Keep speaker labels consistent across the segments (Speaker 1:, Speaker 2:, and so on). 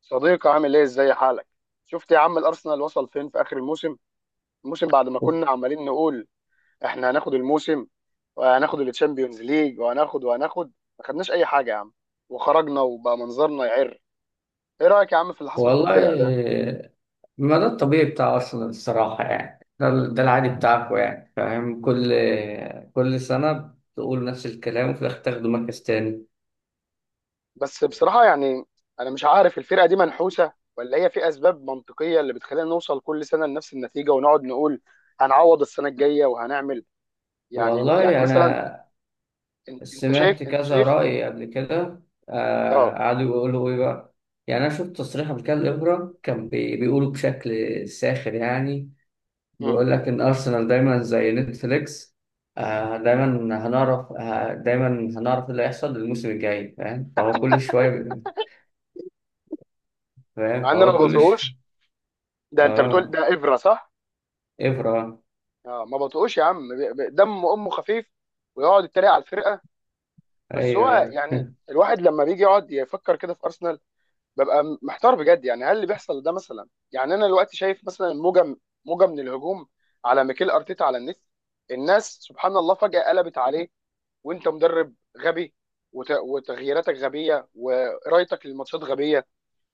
Speaker 1: صديقي عامل ايه، ازاي حالك؟ شفت يا عم الارسنال وصل فين في اخر الموسم؟ الموسم بعد ما كنا عمالين نقول احنا هناخد الموسم وهناخد التشامبيونز ليج وهناخد، ما خدناش اي حاجه يا عم. وخرجنا وبقى منظرنا يعر. ايه رايك يا عم في اللي حصل في
Speaker 2: والله
Speaker 1: الفرقه ده؟
Speaker 2: إيه، ما ده الطبيعي بتاع أرسنال الصراحة، يعني ده العادي بتاعكم، يعني فاهم؟ كل سنة بتقول نفس الكلام، وفي الآخر تاخدوا مركز تاني.
Speaker 1: بس بصراحه يعني انا مش عارف، الفرقه دي منحوسه ولا هي في اسباب منطقيه اللي بتخلينا نوصل كل سنه لنفس النتيجه ونقعد نقول هنعوض السنه الجايه وهنعمل. يعني
Speaker 2: والله
Speaker 1: مثلا،
Speaker 2: أنا
Speaker 1: انت
Speaker 2: سمعت
Speaker 1: شايف، انت
Speaker 2: كذا
Speaker 1: شايف.
Speaker 2: رأي قبل كده. آه،
Speaker 1: اه.
Speaker 2: قعدوا يقولوا إيه بقى؟ يعني أنا شفت تصريح قبل كده لإبرة، كان بيقولوا بشكل ساخر، يعني
Speaker 1: مم.
Speaker 2: بيقول لك إن أرسنال دايما زي نتفليكس. آه دايما آه دايما هنعرف إيه اللي هيحصل الموسم الجاي، فاهم؟ فهو كل شوية بي- فاهم
Speaker 1: مع ان انا ما
Speaker 2: فهو كل ش...
Speaker 1: بطيقوش. ده انت بتقول
Speaker 2: آه،
Speaker 1: ده ابره صح؟
Speaker 2: إبرة.
Speaker 1: اه، ما بطقوش يا عم، دم امه خفيف ويقعد يتريق على الفرقه. بس هو
Speaker 2: أيوه.
Speaker 1: يعني الواحد لما بيجي يقعد يفكر كده في ارسنال، ببقى محتار بجد. يعني هل اللي بيحصل ده، مثلا يعني انا دلوقتي شايف مثلا موجه، موجه من الهجوم على ميكيل ارتيتا على النت، الناس سبحان الله فجاه قلبت عليه، وانت مدرب غبي، وتغييراتك غبيه، وقرايتك للماتشات غبيه،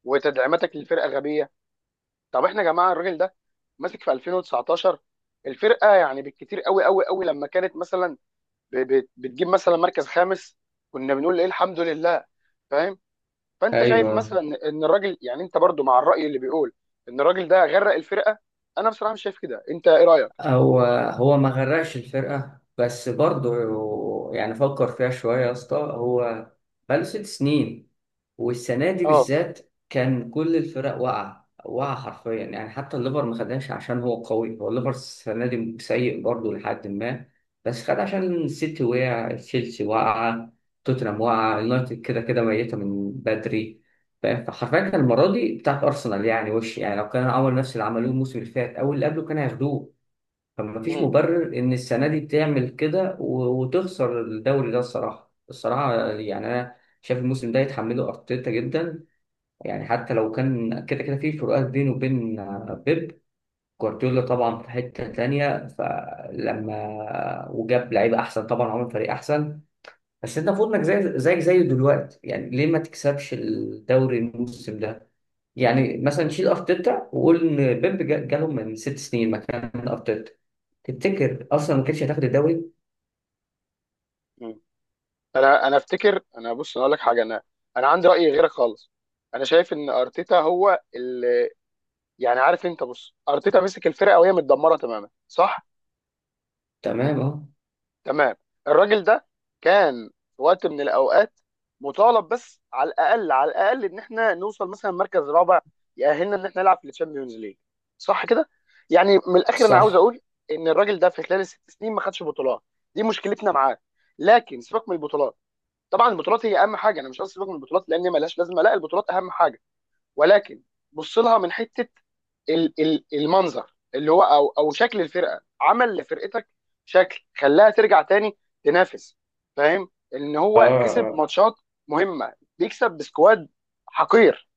Speaker 1: وتدعيماتك للفرقه غبيه. طب احنا يا جماعه، الراجل ده ماسك في 2019 الفرقه، يعني بالكتير قوي قوي قوي لما كانت مثلا بتجيب مثلا مركز خامس كنا بنقول ايه الحمد لله. فاهم؟ فانت شايف
Speaker 2: أيوه.
Speaker 1: مثلا ان الراجل، يعني انت برضو مع الراي اللي بيقول ان الراجل ده غرق الفرقه؟ انا بصراحه مش شايف كده، انت ايه رايك؟
Speaker 2: هو هو ما غرقش الفرقة، بس برضه يعني فكر فيها شوية يا اسطى. هو بقاله 6 سنين، والسنة دي
Speaker 1: اه.
Speaker 2: بالذات كان كل الفرق واقعة واقعة حرفيا، يعني حتى الليفر ما خدهاش عشان هو الليفر السنة دي سيء برضه، لحد ما بس خد عشان السيتي وقع، تشيلسي واقعة، توتنهام واقعة، اليونايتد كده كده ميتة من بدري، فاهم؟ فحرفيا كان المرة دي بتاعت أرسنال، يعني وش، يعني لو كان عمل نفس اللي عملوه الموسم اللي فات أو اللي قبله كان هياخدوه. فمفيش
Speaker 1: مم.
Speaker 2: مبرر إن السنة دي تعمل كده و- وتخسر الدوري ده. الصراحة يعني أنا شايف الموسم ده يتحمله أرتيتا جدا، يعني حتى لو كان كده كده في فروقات بينه وبين بيب جوارديولا، طبعا في حتة تانية فلما وجاب لعيبة أحسن طبعا عمل فريق أحسن. بس أنت المفروض إنك زيك زيه دلوقتي، يعني ليه ما تكسبش الدوري الموسم ده؟ يعني مثلا
Speaker 1: مم.
Speaker 2: شيل أرتيتا وقول إن بيب جالهم من 6 سنين مكان أرتيتا، تفتكر اصلا ما كانتش هتاخد الدوري؟
Speaker 1: مم. انا افتكر، بص انا اقول لك حاجه، انا عندي راي غيرك خالص. انا شايف ان ارتيتا هو اللي، يعني عارف، انت بص، ارتيتا مسك الفرقه وهي متدمره تماما صح؟
Speaker 2: تمام، اه،
Speaker 1: تمام. الراجل ده كان في وقت من الاوقات مطالب بس على الاقل، على الاقل ان احنا نوصل مثلا مركز رابع يأهلنا ان احنا نلعب في الشامبيونز ليج، صح كده؟ يعني من الاخر انا عاوز
Speaker 2: صح،
Speaker 1: اقول ان الراجل ده في خلال الست سنين ما خدش بطولات، دي مشكلتنا معاه. لكن سيبك من البطولات، طبعا البطولات هي اهم حاجه، انا مش قصدي سيبك من البطولات لان مالهاش لازمه، لا البطولات اهم حاجه. ولكن بص لها من حته المنظر اللي هو، او شكل الفرقه، عمل لفرقتك شكل خلاها ترجع تاني تنافس. فاهم؟ ان
Speaker 2: اه،
Speaker 1: هو كسب
Speaker 2: اه،
Speaker 1: ماتشات مهمه، بيكسب بسكواد حقير.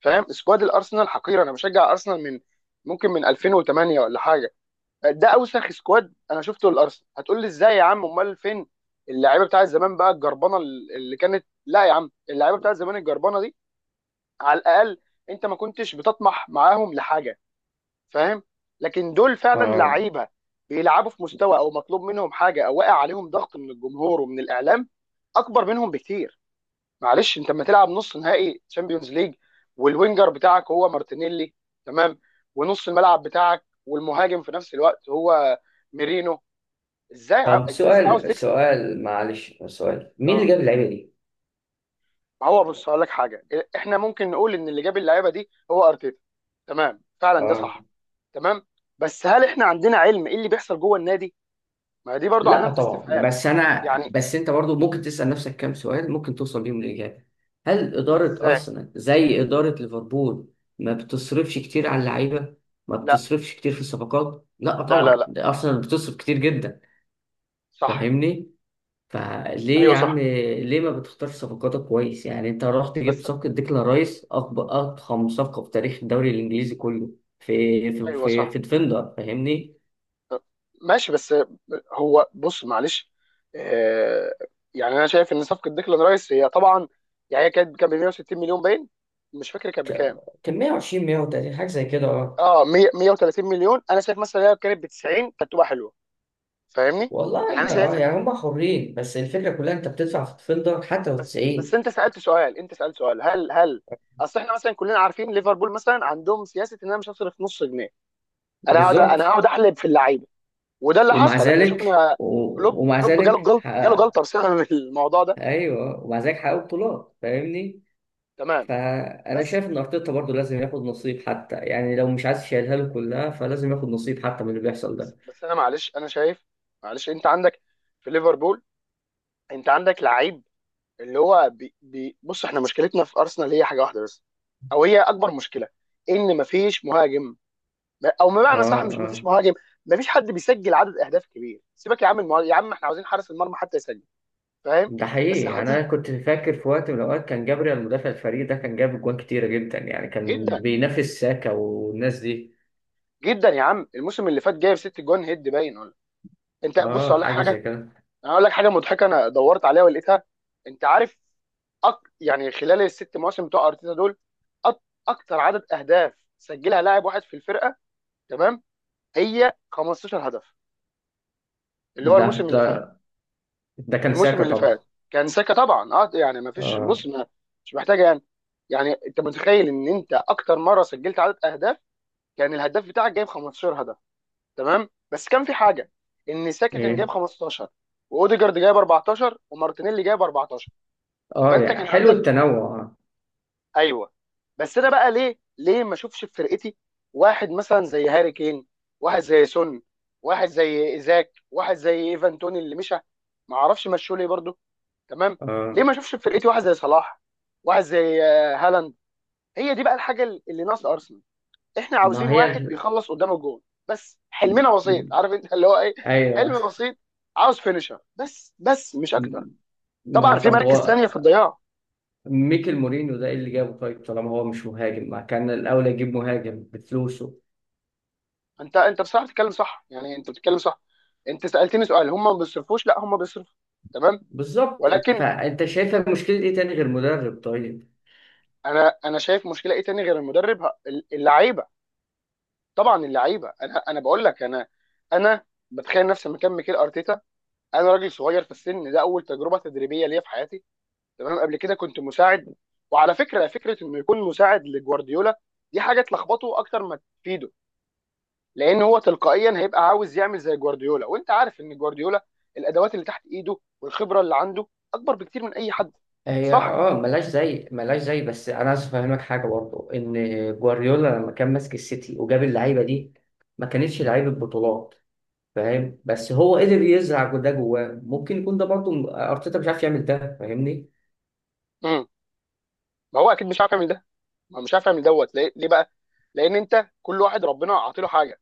Speaker 1: فاهم؟ سكواد الارسنال حقير. انا بشجع ارسنال من ممكن من 2008 ولا حاجه، ده اوسخ سكواد انا شفته للارسنال. هتقول لي ازاي يا عم، امال فين اللعيبه بتاعت زمان بقى الجربانه اللي كانت؟ لا يا عم، اللعيبه بتاعت زمان الجربانه على الاقل انت ما كنتش بتطمح معاهم لحاجه، فاهم؟ لكن دول فعلا
Speaker 2: اه.
Speaker 1: لعيبه بيلعبوا في مستوى، او مطلوب منهم حاجه، او واقع عليهم ضغط من الجمهور ومن الاعلام اكبر منهم بكتير. معلش انت لما تلعب نص نهائي تشامبيونز ليج والوينجر بتاعك هو مارتينيلي، تمام، ونص الملعب بتاعك والمهاجم في نفس الوقت هو ميرينو،
Speaker 2: طب
Speaker 1: انت ازاي عاوز
Speaker 2: سؤال
Speaker 1: تكسب؟
Speaker 2: سؤال معلش، سؤال، مين اللي جاب اللعيبه دي؟
Speaker 1: ما هو بص هقول لك حاجه، احنا ممكن نقول ان اللي جاب اللعيبه دي هو ارتيتا، تمام، فعلا ده
Speaker 2: اه،
Speaker 1: صح، تمام. بس هل احنا عندنا علم ايه اللي بيحصل جوه النادي؟ ما دي برضو
Speaker 2: لا
Speaker 1: علامه
Speaker 2: طبعا،
Speaker 1: استفهام.
Speaker 2: بس انا
Speaker 1: يعني
Speaker 2: بس انت برضو ممكن تسال نفسك كام سؤال ممكن توصل بيهم للاجابه. هل اداره
Speaker 1: ازاي؟
Speaker 2: ارسنال زي اداره ليفربول ما بتصرفش كتير على اللعيبه، ما
Speaker 1: لا
Speaker 2: بتصرفش كتير في الصفقات؟ لا
Speaker 1: لا لا
Speaker 2: طبعا،
Speaker 1: لا.
Speaker 2: ده ارسنال بتصرف كتير جدا،
Speaker 1: صح.
Speaker 2: فاهمني؟ فليه
Speaker 1: ايوه
Speaker 2: يا عم،
Speaker 1: صح.
Speaker 2: ليه ما بتختارش صفقاتك كويس؟ يعني انت رحت جبت
Speaker 1: بس.
Speaker 2: صفقة ديكلان رايس، اكبر اضخم صفقة في تاريخ الدوري الانجليزي كله، في في
Speaker 1: ايوه
Speaker 2: في,
Speaker 1: صح
Speaker 2: في ديفندر، فاهمني؟
Speaker 1: ماشي. بس هو بص معلش، آه، يعني انا شايف ان صفقه ديكلان رايس هي طبعا يعني هي كانت، كان ب 160 مليون باين، مش فاكر كانت
Speaker 2: ك-
Speaker 1: بكام.
Speaker 2: كان 120، 130، حاجة زي كده، اه.
Speaker 1: اه 100، 130 مليون، انا شايف مثلا لو كانت ب 90 كانت تبقى حلوه، فاهمني؟
Speaker 2: والله
Speaker 1: يعني
Speaker 2: احنا،
Speaker 1: شايف.
Speaker 2: يعني هم حرين، بس الفكرة كلها انت بتدفع في ديفندر حتى لو
Speaker 1: بس
Speaker 2: 90.
Speaker 1: انت سالت سؤال، انت سالت سؤال هل هل، اصل احنا مثلا كلنا عارفين ليفربول مثلا عندهم سياسه ان انا مش هصرف نص جنيه، انا هقعد، انا
Speaker 2: بالظبط.
Speaker 1: هقعد احلب في اللعيبه. وده اللي حصل، احنا شفنا كلوب
Speaker 2: ومع
Speaker 1: كلوب
Speaker 2: ذلك
Speaker 1: جاله
Speaker 2: حقق.
Speaker 1: جلطه بسبب الموضوع ده.
Speaker 2: ايوه، ومع ذلك حققوا بطولات، فاهمني؟
Speaker 1: تمام.
Speaker 2: فانا
Speaker 1: بس
Speaker 2: شايف ان ارتيتا برضه لازم ياخد نصيب، حتى يعني لو مش عايز يشيلها له كلها فلازم ياخد نصيب حتى من اللي بيحصل
Speaker 1: بس
Speaker 2: ده.
Speaker 1: بس انا معلش، انا شايف، معلش انت عندك في ليفربول، انت عندك لعيب اللي هو بي بي بص، احنا مشكلتنا في ارسنال هي حاجه واحده بس، او هي اكبر مشكله، ان مفيش مهاجم. او
Speaker 2: اه،
Speaker 1: بمعنى صح، مش مفيش
Speaker 2: اه.
Speaker 1: مهاجم، مفيش حد بيسجل عدد اهداف كبير. سيبك يا عم المهاجم، يا عم احنا عاوزين حارس المرمى حتى يسجل، فاهم؟
Speaker 2: ده حقيقي،
Speaker 1: بس
Speaker 2: يعني انا كنت فاكر في وقت من الاوقات كان جابريال المدافع الفريق ده كان جاب اجوان كتيره جدا، يعني كان
Speaker 1: جدا،
Speaker 2: بينافس ساكا والناس دي.
Speaker 1: جدا يا عم، الموسم اللي فات جايب ست جون هيد باين ولا. انت بص
Speaker 2: اه،
Speaker 1: اقول لك
Speaker 2: حاجه زي
Speaker 1: حاجه،
Speaker 2: كده.
Speaker 1: انا اقول لك حاجه مضحكه، انا دورت عليها ولقيتها. انت عارف، يعني خلال الست مواسم بتوع ارتيتا دول، أك... اكتر عدد اهداف سجلها لاعب واحد في الفرقه، تمام، هي 15 هدف، اللي هو
Speaker 2: ده
Speaker 1: الموسم اللي
Speaker 2: ده,
Speaker 1: فات.
Speaker 2: ده كان
Speaker 1: الموسم
Speaker 2: ساكا
Speaker 1: اللي
Speaker 2: طبعا.
Speaker 1: فات كان ساكا طبعا، اه. يعني ما فيش،
Speaker 2: اه،
Speaker 1: بص ما، مش محتاجه يعني. يعني انت متخيل ان انت اكتر مره سجلت عدد اهداف كان الهداف بتاعك جايب 15 هدف؟ تمام، بس كان في حاجه، ان ساكا كان جايب
Speaker 2: ايه،
Speaker 1: 15، واوديجارد جايب 14، ومارتينيلي جايب 14.
Speaker 2: اه،
Speaker 1: فانت
Speaker 2: يعني
Speaker 1: كان
Speaker 2: حلو
Speaker 1: عندك،
Speaker 2: التنوع.
Speaker 1: ايوه. بس انا بقى ليه ما اشوفش في فرقتي واحد مثلا زي هاري كين، واحد زي سون، واحد زي ايزاك، واحد زي ايفان توني اللي مشى، ما اعرفش مشوا ليه برضه، تمام. ليه
Speaker 2: اه.
Speaker 1: ما اشوفش في فرقتي واحد زي صلاح، واحد زي هالاند؟ هي دي بقى الحاجه اللي ناقصه ارسنال، احنا
Speaker 2: ما
Speaker 1: عاوزين
Speaker 2: هي
Speaker 1: واحد
Speaker 2: ال...
Speaker 1: بيخلص قدام الجول. بس حلمنا بسيط، عارف انت اللي هو ايه،
Speaker 2: ايوه.
Speaker 1: حلم بسيط، عاوز فينيشر بس مش اكتر.
Speaker 2: ما
Speaker 1: طبعا في
Speaker 2: طب هو
Speaker 1: مراكز ثانيه في الضياع.
Speaker 2: ميكل مورينيو ده ايه اللي جابه؟ طيب طالما هو مش مهاجم، ما كان الاولى يجيب مهاجم بفلوسه؟
Speaker 1: انت بصراحه بتتكلم صح، يعني انت بتتكلم صح. انت سالتني سؤال هم ما بيصرفوش؟ لا هم بيصرفوا، تمام.
Speaker 2: بالظبط،
Speaker 1: ولكن
Speaker 2: فانت شايفها مشكله ايه تاني غير مدرب طيب؟
Speaker 1: انا شايف مشكله ايه تاني غير المدرب، اللعيبه، طبعا اللعيبه. انا بقول لك، انا انا بتخيل نفسي مكان ميكيل ارتيتا، انا راجل صغير في السن، ده اول تجربه تدريبيه ليا في حياتي، تمام، قبل كده كنت مساعد. وعلى فكره، انه يكون مساعد لجوارديولا دي حاجه تلخبطه اكتر ما تفيده، لان هو تلقائيا هيبقى عاوز يعمل زي جوارديولا، وانت عارف ان جوارديولا الادوات اللي تحت ايده والخبره اللي عنده اكبر بكتير من اي حد،
Speaker 2: هي،
Speaker 1: صح؟
Speaker 2: ملاش زي بس انا عايز افهمك حاجه برضه، ان جوارديولا لما كان ماسك السيتي وجاب اللعيبه دي، ما كانتش لعيبه بطولات، فاهم؟ بس هو قدر يزرع ده جواه، ممكن يكون ده برضه ارتيتا مش عارف يعمل ده، فاهمني؟
Speaker 1: امم، ما هو اكيد مش عارف يعمل ده، ما هو مش عارف يعمل دوت ليه؟ ليه بقى؟ لان انت كل واحد ربنا عاطيله حاجه،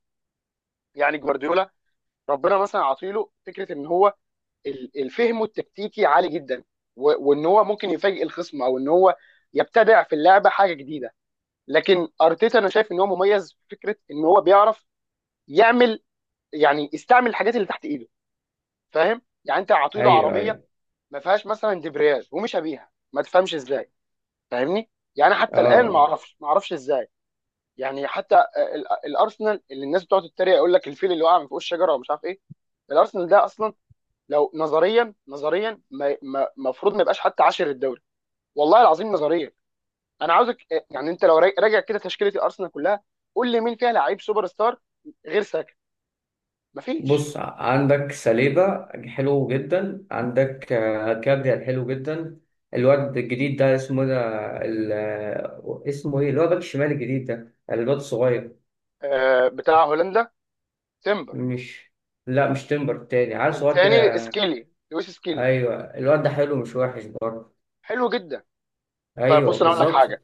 Speaker 1: يعني جوارديولا ربنا مثلا عاطيله فكره ان هو الفهم التكتيكي عالي جدا، وان هو ممكن يفاجئ الخصم، او ان هو يبتدع في اللعبه حاجه جديده. لكن ارتيتا انا شايف ان هو مميز في فكره ان هو بيعرف يعمل، يعني يستعمل الحاجات اللي تحت ايده، فاهم؟ يعني انت عاطيله
Speaker 2: ايوه،
Speaker 1: عربيه
Speaker 2: ايوه،
Speaker 1: ما فيهاش مثلا دبرياج ومش بيها، ما تفهمش ازاي، فاهمني؟ يعني حتى الان
Speaker 2: اه.
Speaker 1: ما اعرفش ازاي. يعني حتى الارسنال اللي الناس بتقعد تتريق يقول لك الفيل اللي وقع من فوق الشجره ومش عارف ايه، الارسنال ده اصلا لو نظريا، نظريا المفروض ما يبقاش حتى عاشر الدوري، والله العظيم نظريا. انا عاوزك يعني انت لو راجع كده تشكيله الارسنال كلها، قول لي مين فيها لعيب سوبر ستار غير ساكا. مفيش.
Speaker 2: بص، عندك سليبة حلو جدا، عندك كابريا حلو جدا. الواد الجديد ده اسمه ده، اسمه ايه اللي هو باك الشمال الجديد ده الواد الصغير؟
Speaker 1: آه بتاع هولندا تيمبر.
Speaker 2: مش لا، مش تمبر، تاني عيل صغير
Speaker 1: التاني
Speaker 2: كده.
Speaker 1: سكيلي، لويس سكيلي.
Speaker 2: ايوه، الواد ده حلو مش وحش برضه.
Speaker 1: حلو جدا. طيب
Speaker 2: ايوه،
Speaker 1: بص انا اقول لك
Speaker 2: بالظبط.
Speaker 1: حاجه.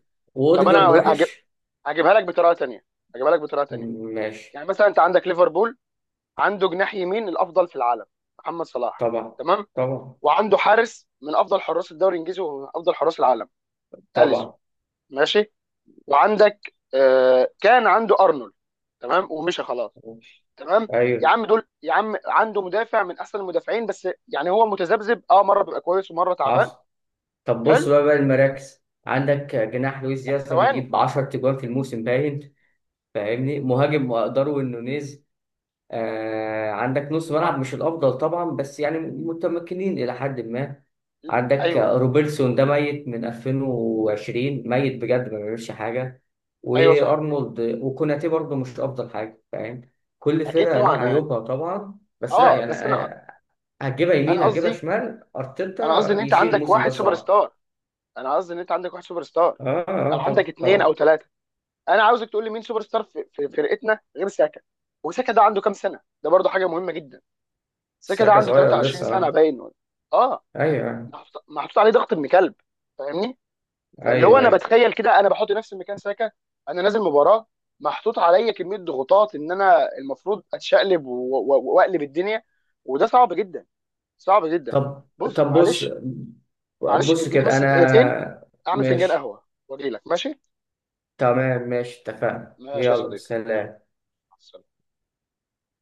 Speaker 1: طب
Speaker 2: واوديجارد
Speaker 1: انا هجيب،
Speaker 2: وحش.
Speaker 1: هجيبها لك بطريقه تانيه. هجيبها لك بطريقه تانيه
Speaker 2: ماشي.
Speaker 1: يعني مثلا انت عندك ليفربول، عنده جناح يمين الافضل في العالم، محمد صلاح،
Speaker 2: طبعا،
Speaker 1: تمام،
Speaker 2: طبعا،
Speaker 1: وعنده حارس من افضل حراس الدوري الانجليزي وافضل حراس العالم، اليسون،
Speaker 2: طبعا،
Speaker 1: ماشي، وعندك آه، كان عنده ارنولد، تمام ومشى خلاص،
Speaker 2: ماشي.
Speaker 1: تمام. يا
Speaker 2: ايوه.
Speaker 1: عم دول، يا عم عنده مدافع من احسن المدافعين، بس يعني هو متذبذب اه، مره بيبقى كويس ومره تعبان.
Speaker 2: حصل. طب بص
Speaker 1: حلو.
Speaker 2: بقى المراكز، عندك جناح لويس
Speaker 1: لا
Speaker 2: دياز
Speaker 1: ثواني.
Speaker 2: بيجيب 10 تجوان في الموسم باين، فاهمني؟ مهاجم داروين نونيز، عندك نص
Speaker 1: ما،
Speaker 2: ملعب مش الافضل طبعا بس يعني متمكنين الى حد ما. عندك
Speaker 1: ايوه،
Speaker 2: روبرتسون ده ميت من 2020، ميت بجد ما بيعملش حاجه،
Speaker 1: ايوه صح.
Speaker 2: وارنولد وكوناتي برضه مش افضل حاجه، فاهم؟ كل
Speaker 1: اكيد
Speaker 2: فرقه
Speaker 1: طبعا
Speaker 2: ليها
Speaker 1: اه.
Speaker 2: عيوبها طبعا، بس لا يعني
Speaker 1: بس انا،
Speaker 2: هتجيبها يمين
Speaker 1: انا
Speaker 2: هتجيبها
Speaker 1: قصدي،
Speaker 2: شمال،
Speaker 1: انا قصدي
Speaker 2: ارتيتا
Speaker 1: ان انت
Speaker 2: يشيل
Speaker 1: عندك
Speaker 2: الموسم ده
Speaker 1: واحد سوبر
Speaker 2: الصراحه.
Speaker 1: ستار انا قصدي ان انت عندك واحد سوبر ستار،
Speaker 2: اه،
Speaker 1: او
Speaker 2: اه، طبعا،
Speaker 1: عندك اثنين او
Speaker 2: طبعا.
Speaker 1: ثلاثه. انا عاوزك تقول لي مين سوبر ستار في فرقتنا غير ساكا؟ وساكا ده عنده كام سنه، ده برضه حاجه مهمه جدا. بس كده
Speaker 2: الساكة
Speaker 1: عنده
Speaker 2: صغير
Speaker 1: 23
Speaker 2: لسه،
Speaker 1: سنه
Speaker 2: اه،
Speaker 1: باين ولا-. اه.
Speaker 2: ايوه، آه.
Speaker 1: محطوط عليه ضغط ابن كلب، فاهمني؟ فاللي هو
Speaker 2: ايوه،
Speaker 1: انا
Speaker 2: ايوه،
Speaker 1: بتخيل كده، انا بحط نفسي مكان ساكا، انا نازل مباراه محطوط عليا كميه ضغوطات ان انا المفروض اتشقلب واقلب الدنيا، وده صعب جدا، صعب جدا.
Speaker 2: طب
Speaker 1: بص
Speaker 2: طب بص
Speaker 1: معلش. معلش
Speaker 2: بص
Speaker 1: اديني
Speaker 2: كده،
Speaker 1: بس دقيقتين
Speaker 2: انا
Speaker 1: اعمل فنجان
Speaker 2: ماشي،
Speaker 1: قهوه واجي لك، ماشي؟
Speaker 2: تمام ماشي، اتفقنا،
Speaker 1: ماشي يا
Speaker 2: يلا
Speaker 1: صديقي، ماشي،
Speaker 2: سلام.
Speaker 1: مع السلامة.